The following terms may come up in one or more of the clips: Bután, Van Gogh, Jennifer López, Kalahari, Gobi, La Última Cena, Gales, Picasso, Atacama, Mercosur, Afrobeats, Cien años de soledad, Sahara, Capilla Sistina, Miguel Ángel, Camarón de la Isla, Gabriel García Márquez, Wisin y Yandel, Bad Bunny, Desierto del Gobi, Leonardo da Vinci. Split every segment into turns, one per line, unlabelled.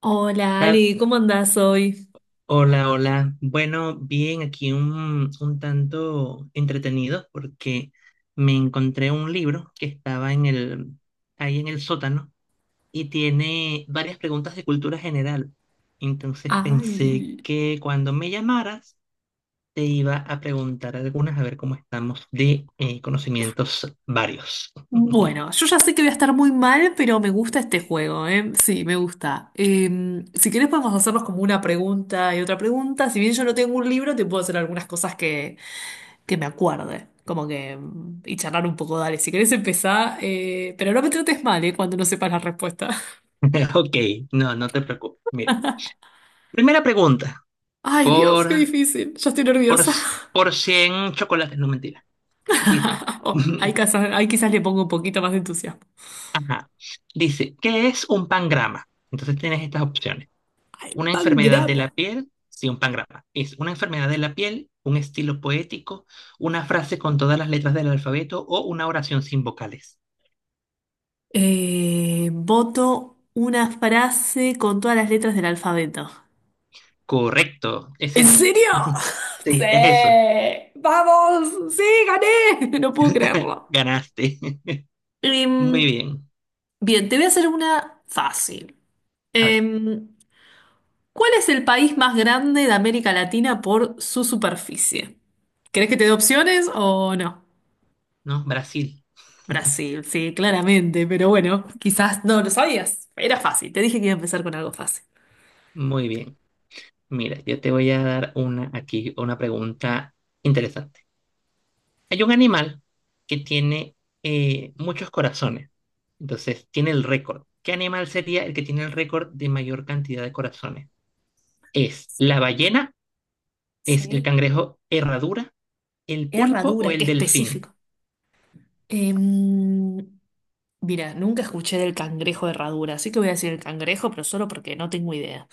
Hola
Kat,
Ale, ¿cómo andás hoy?
hola, hola. Bueno, bien, aquí un tanto entretenido porque me encontré un libro que estaba en ahí en el sótano y tiene varias preguntas de cultura general. Entonces pensé
Ay.
que cuando me llamaras te iba a preguntar algunas a ver cómo estamos de conocimientos varios.
Bueno, yo ya sé que voy a estar muy mal, pero me gusta este juego, ¿eh? Sí, me gusta. Si querés podemos hacernos como una pregunta y otra pregunta. Si bien yo no tengo un libro, te puedo hacer algunas cosas que me acuerde. Como que... y charlar un poco, dale. Si querés empezar, ¿eh? Pero no me trates mal, ¿eh? Cuando no sepas la respuesta.
Ok, no te preocupes. Mira, primera pregunta,
Ay, Dios,
por,
qué difícil. Ya estoy
por,
nerviosa.
por 100 chocolates, no mentira. Dice,
Oh, ahí quizás le pongo un poquito más de entusiasmo.
dice, ¿qué es un pangrama? Entonces tienes estas opciones.
Ay,
Una enfermedad de
pangrama.
la piel, sí, un pangrama. Es una enfermedad de la piel, un estilo poético, una frase con todas las letras del alfabeto o una oración sin vocales.
Voto una frase con todas las letras del alfabeto.
Correcto, es
¿En
eso.
serio? Sí,
Sí, es eso.
vamos, sí, gané. No puedo creerlo.
Ganaste. Muy
Em,
bien.
Bien, te voy a hacer una fácil.
A ver,
Em, ¿Cuál es el país más grande de América Latina por su superficie? ¿Querés que te dé opciones o no?
¿no? Brasil.
Brasil, sí, claramente, pero bueno, quizás no lo sabías. Era fácil, te dije que iba a empezar con algo fácil.
Muy bien. Mira, yo te voy a dar una aquí, una pregunta interesante. Hay un animal que tiene muchos corazones. Entonces, tiene el récord. ¿Qué animal sería el que tiene el récord de mayor cantidad de corazones? ¿Es la ballena? ¿Es el
Sí.
cangrejo herradura? ¿El pulpo o
Herradura, qué
el delfín?
específico. Em, Mira, nunca escuché del cangrejo de herradura, así que voy a decir el cangrejo, pero solo porque no tengo idea.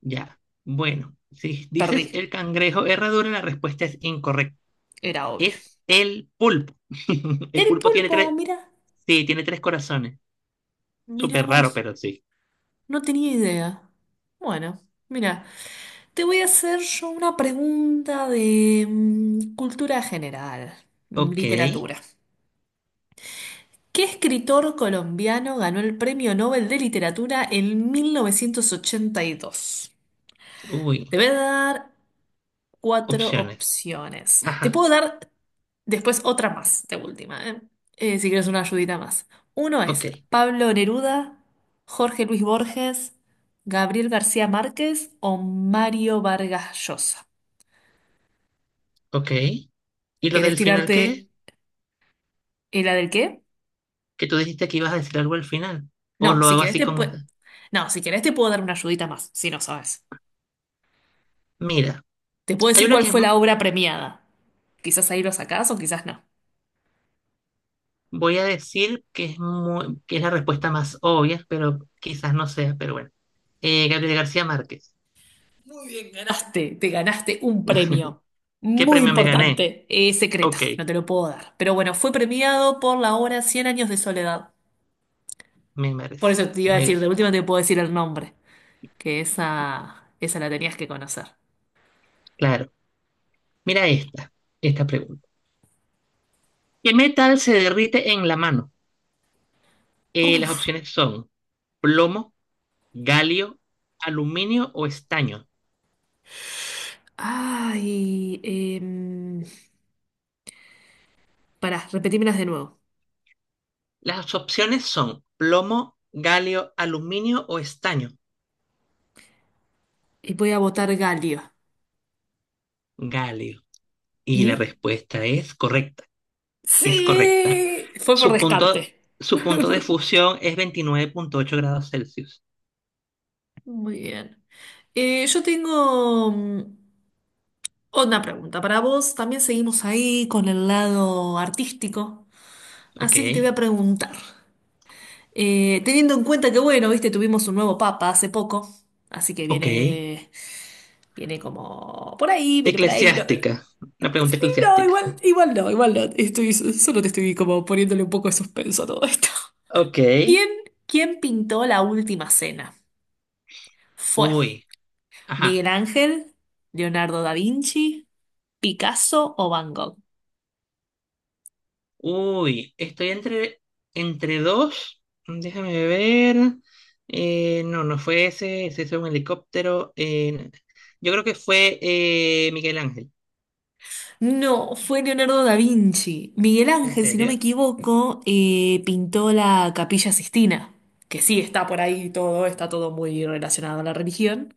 Ya. Bueno, si
Perdí,
dices el cangrejo herradura, la respuesta es incorrecta.
era obvio.
Es el pulpo. El
El
pulpo tiene
pulpo,
tres.
mira,
Sí, tiene tres corazones.
mira
Súper raro,
vos,
pero sí.
no tenía idea. Bueno, mira, te voy a hacer yo una pregunta de cultura general,
Ok.
literatura. ¿Qué escritor colombiano ganó el Premio Nobel de Literatura en 1982?
Uy.
Te voy a dar cuatro
Opciones.
opciones. Te
Ajá.
puedo dar después otra más, de última, ¿eh? Si quieres una ayudita más. Uno
Ok.
es Pablo Neruda, Jorge Luis Borges, Gabriel García Márquez o Mario Vargas Llosa.
Ok. ¿Y lo
¿Querés
del final qué?
tirarte la del qué?
Que tú dijiste que ibas a decir algo al final. O
No,
lo
si
hago
querés
así
te
con
pue-
esta.
No, si querés te puedo dar una ayudita más, si no sabes.
Mira,
Te puedo
hay
decir
una
cuál
que es
fue
mu-
la obra premiada. Quizás ahí lo sacás o quizás no.
voy a decir que es, mu- que es la respuesta más obvia, pero quizás no sea, pero bueno. Gabriel García Márquez.
Muy bien, ganaste, te ganaste un premio
¿Qué
muy
premio me gané?
importante, secreto,
Ok,
no te lo puedo dar. Pero bueno, fue premiado por la obra Cien años de soledad.
me
Por
merece.
eso te iba a
Me-
decir, de última te puedo decir el nombre, que esa la tenías que conocer.
claro. Mira esta, esta pregunta. ¿Qué metal se derrite en la mano? Las
Uf,
opciones son plomo, galio, aluminio o estaño.
ay, pará, repetímelas de nuevo.
Las opciones son plomo, galio, aluminio o estaño.
Y voy a votar Galio.
Galio. Y la
¿Y?
respuesta es correcta. Es correcta.
¡Sí! Fue por
Su
descarte.
punto, su punto de fusión es 29.8 grados Celsius.
Muy bien. Yo tengo. Una pregunta para vos. También seguimos ahí con el lado artístico.
Ok,
Así que te voy a preguntar. Teniendo en cuenta que, bueno, viste, tuvimos un nuevo papa hace poco. Así que
ok.
viene, viene como por ahí, viene por ahí. No, no,
Eclesiástica. Una pregunta eclesiástica.
igual, igual no, igual no. Estoy, solo te estoy como poniéndole un poco de suspenso a todo esto.
Ok.
¿Quién, quién pintó la última cena? ¿Fue
Uy. Ajá.
Miguel Ángel, Leonardo da Vinci, Picasso o Van Gogh?
Uy, estoy entre dos. Déjame ver. No, no fue ese, ese fue un helicóptero. Yo creo que fue Miguel Ángel.
No, fue Leonardo da Vinci. Miguel
¿En
Ángel, si no me
serio?
equivoco, pintó la Capilla Sistina, que sí está por ahí todo, está todo muy relacionado a la religión,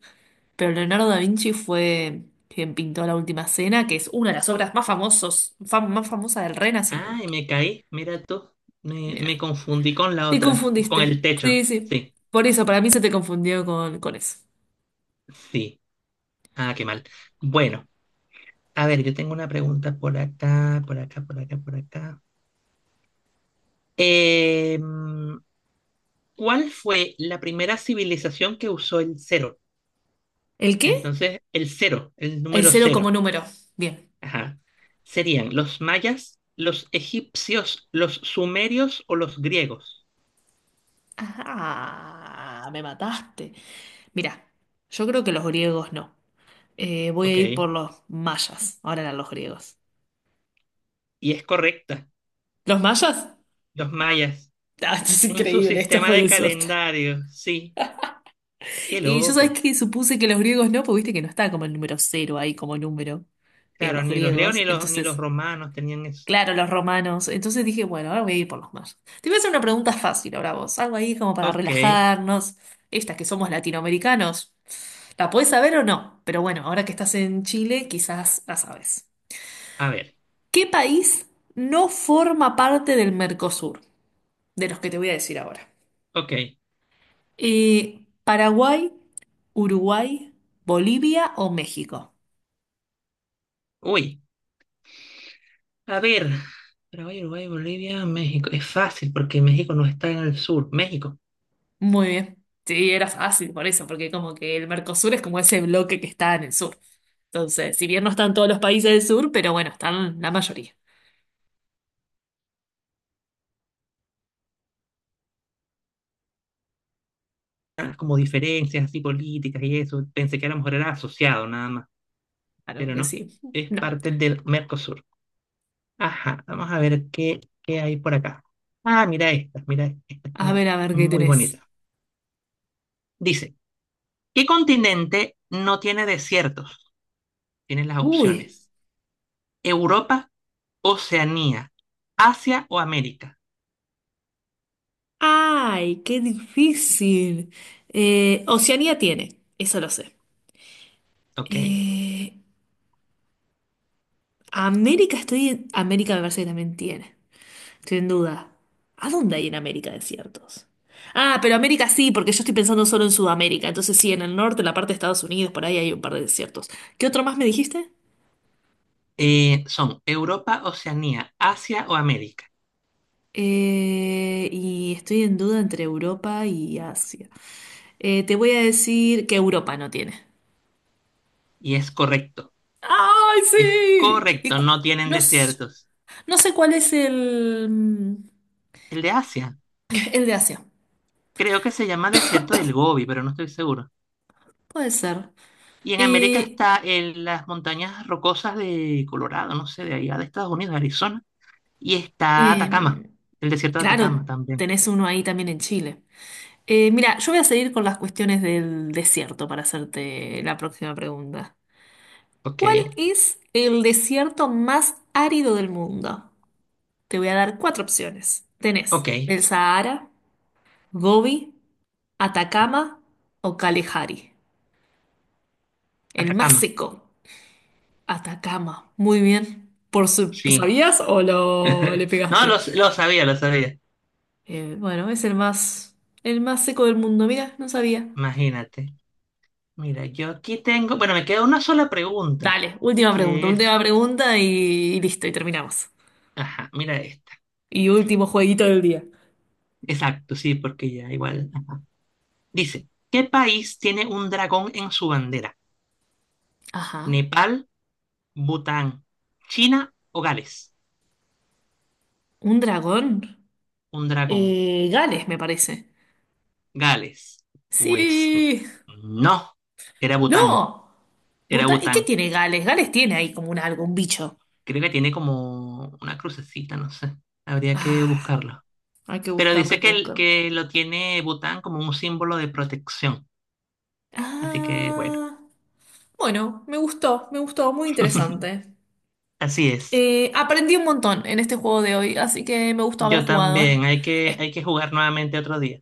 pero Leonardo da Vinci fue quien pintó La Última Cena, que es una de las obras más famosos, más famosa del
Ay,
Renacimiento.
me caí. Mira tú. Me
Mira,
confundí con la
te
otra, con
confundiste.
el
Sí,
techo.
sí.
Sí,
Por eso, para mí se te confundió con eso.
sí. Ah, qué mal. Bueno, a ver, yo tengo una pregunta por acá. Em, ¿cuál fue la primera civilización que usó el cero?
¿El qué?
Entonces, el
El
número
cero como
cero,
número. Bien.
ajá, serían los mayas, los egipcios, los sumerios o los griegos.
Ah, me mataste. Mirá, yo creo que los griegos no. Voy a
Ok,
ir por los mayas. Ahora eran los griegos.
y es correcta,
¿Los mayas?
los mayas.
Ah, esto es
En su
increíble, esto
sistema
fue
de
de suerte.
calendario, sí, qué
Y yo
loco.
sabes que supuse que los griegos no, porque viste que no está como el número cero ahí como número en
Claro,
los
ni los griegos
griegos.
ni los
Entonces,
romanos tenían eso.
claro, los romanos. Entonces dije, bueno, ahora voy a ir por los mayas. Te voy a hacer una pregunta fácil ahora vos. Algo ahí como para
Ok,
relajarnos. Estas que somos latinoamericanos. ¿La podés saber o no? Pero bueno, ahora que estás en Chile, quizás la sabes.
a ver,
¿Qué país no forma parte del Mercosur? De los que te voy a decir ahora.
ok.
¿Paraguay, Uruguay, Bolivia o México?
Uy, a ver. Paraguay, Uruguay, Bolivia, México. Es fácil porque México no está en el sur. México.
Muy bien. Sí, era fácil por eso, porque como que el Mercosur es como ese bloque que está en el sur. Entonces, si bien no están todos los países del sur, pero bueno, están la mayoría.
Como diferencias así políticas y eso. Pensé que a lo mejor era asociado nada más,
Claro
pero
que
no.
sí.
Es
No.
parte del Mercosur. Ajá, vamos a ver qué hay por acá. Ah, mira, esta está
A ver qué
muy
tenés.
bonita. Dice, ¿qué continente no tiene desiertos? Tienen las
Uy.
opciones. Europa, Oceanía, Asia o América.
Ay, qué difícil. Oceanía tiene, eso lo sé.
Ok.
Eh, América estoy en... América me parece que también tiene. Estoy en duda. ¿A dónde hay en América desiertos? Ah, pero América sí, porque yo estoy pensando solo en Sudamérica. Entonces sí, en el norte, en la parte de Estados Unidos, por ahí hay un par de desiertos. ¿Qué otro más me dijiste?
Son Europa, Oceanía, Asia o América.
Y estoy en duda entre Europa y Asia. Te voy a decir que Europa no tiene.
Y
¡Ay,
es
sí!
correcto, no tienen
No, s-
desiertos.
no sé cuál es
El de Asia.
el de Asia.
Creo que se llama Desierto del Gobi, pero no estoy seguro.
Puede ser.
Y en América
Eh,
está en las montañas rocosas de Colorado, no sé, de allá de Estados Unidos, de Arizona. Y está Atacama,
em,
el desierto de Atacama
Claro,
también.
tenés uno ahí también en Chile. Mira, yo voy a seguir con las cuestiones del desierto para hacerte la próxima pregunta.
Ok,
¿Cuál es el desierto más árido del mundo? Te voy a dar cuatro opciones. Tenés
ok,
el Sahara, Gobi, Atacama o Kalahari. El más
Atacama,
seco, Atacama. Muy bien.
sí.
¿Sabías o lo le
No,
pegaste?
lo sabía, lo sabía.
Bueno, es el más seco del mundo. Mira, no sabía.
Imagínate. Mira, yo aquí tengo, bueno, me queda una sola pregunta,
Dale,
que
última
es,
pregunta y listo, y terminamos.
ajá, mira esta.
Y último jueguito del día.
Exacto, sí, porque ya igual. Ajá. Dice, ¿qué país tiene un dragón en su bandera?
Ajá.
¿Nepal? Bután, China o Gales.
¿Un dragón?
Un dragón,
Gales, me parece.
Gales. Pues
Sí.
no, era Bután,
¡No!
era
Puta, ¿y qué
Bután.
tiene Gales? Gales tiene ahí como un algo, un bicho.
Creo que tiene como una crucecita, no sé. Habría que
Ah,
buscarlo.
hay que
Pero
buscarlo,
dice
hay que
que, el-
buscarlo.
que lo tiene Bután como un símbolo de protección. Así que bueno,
Ah, bueno, me gustó, muy interesante.
así es.
Aprendí un montón en este juego de hoy, así que me gustó haber
Yo también,
jugado.
hay que jugar nuevamente otro día.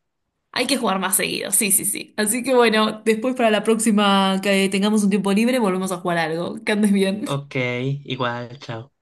Hay que jugar más seguido, sí, sí, sí. Así que bueno, después para la próxima que tengamos un tiempo libre, volvemos a jugar algo. Que andes bien.
Ok, igual, chao.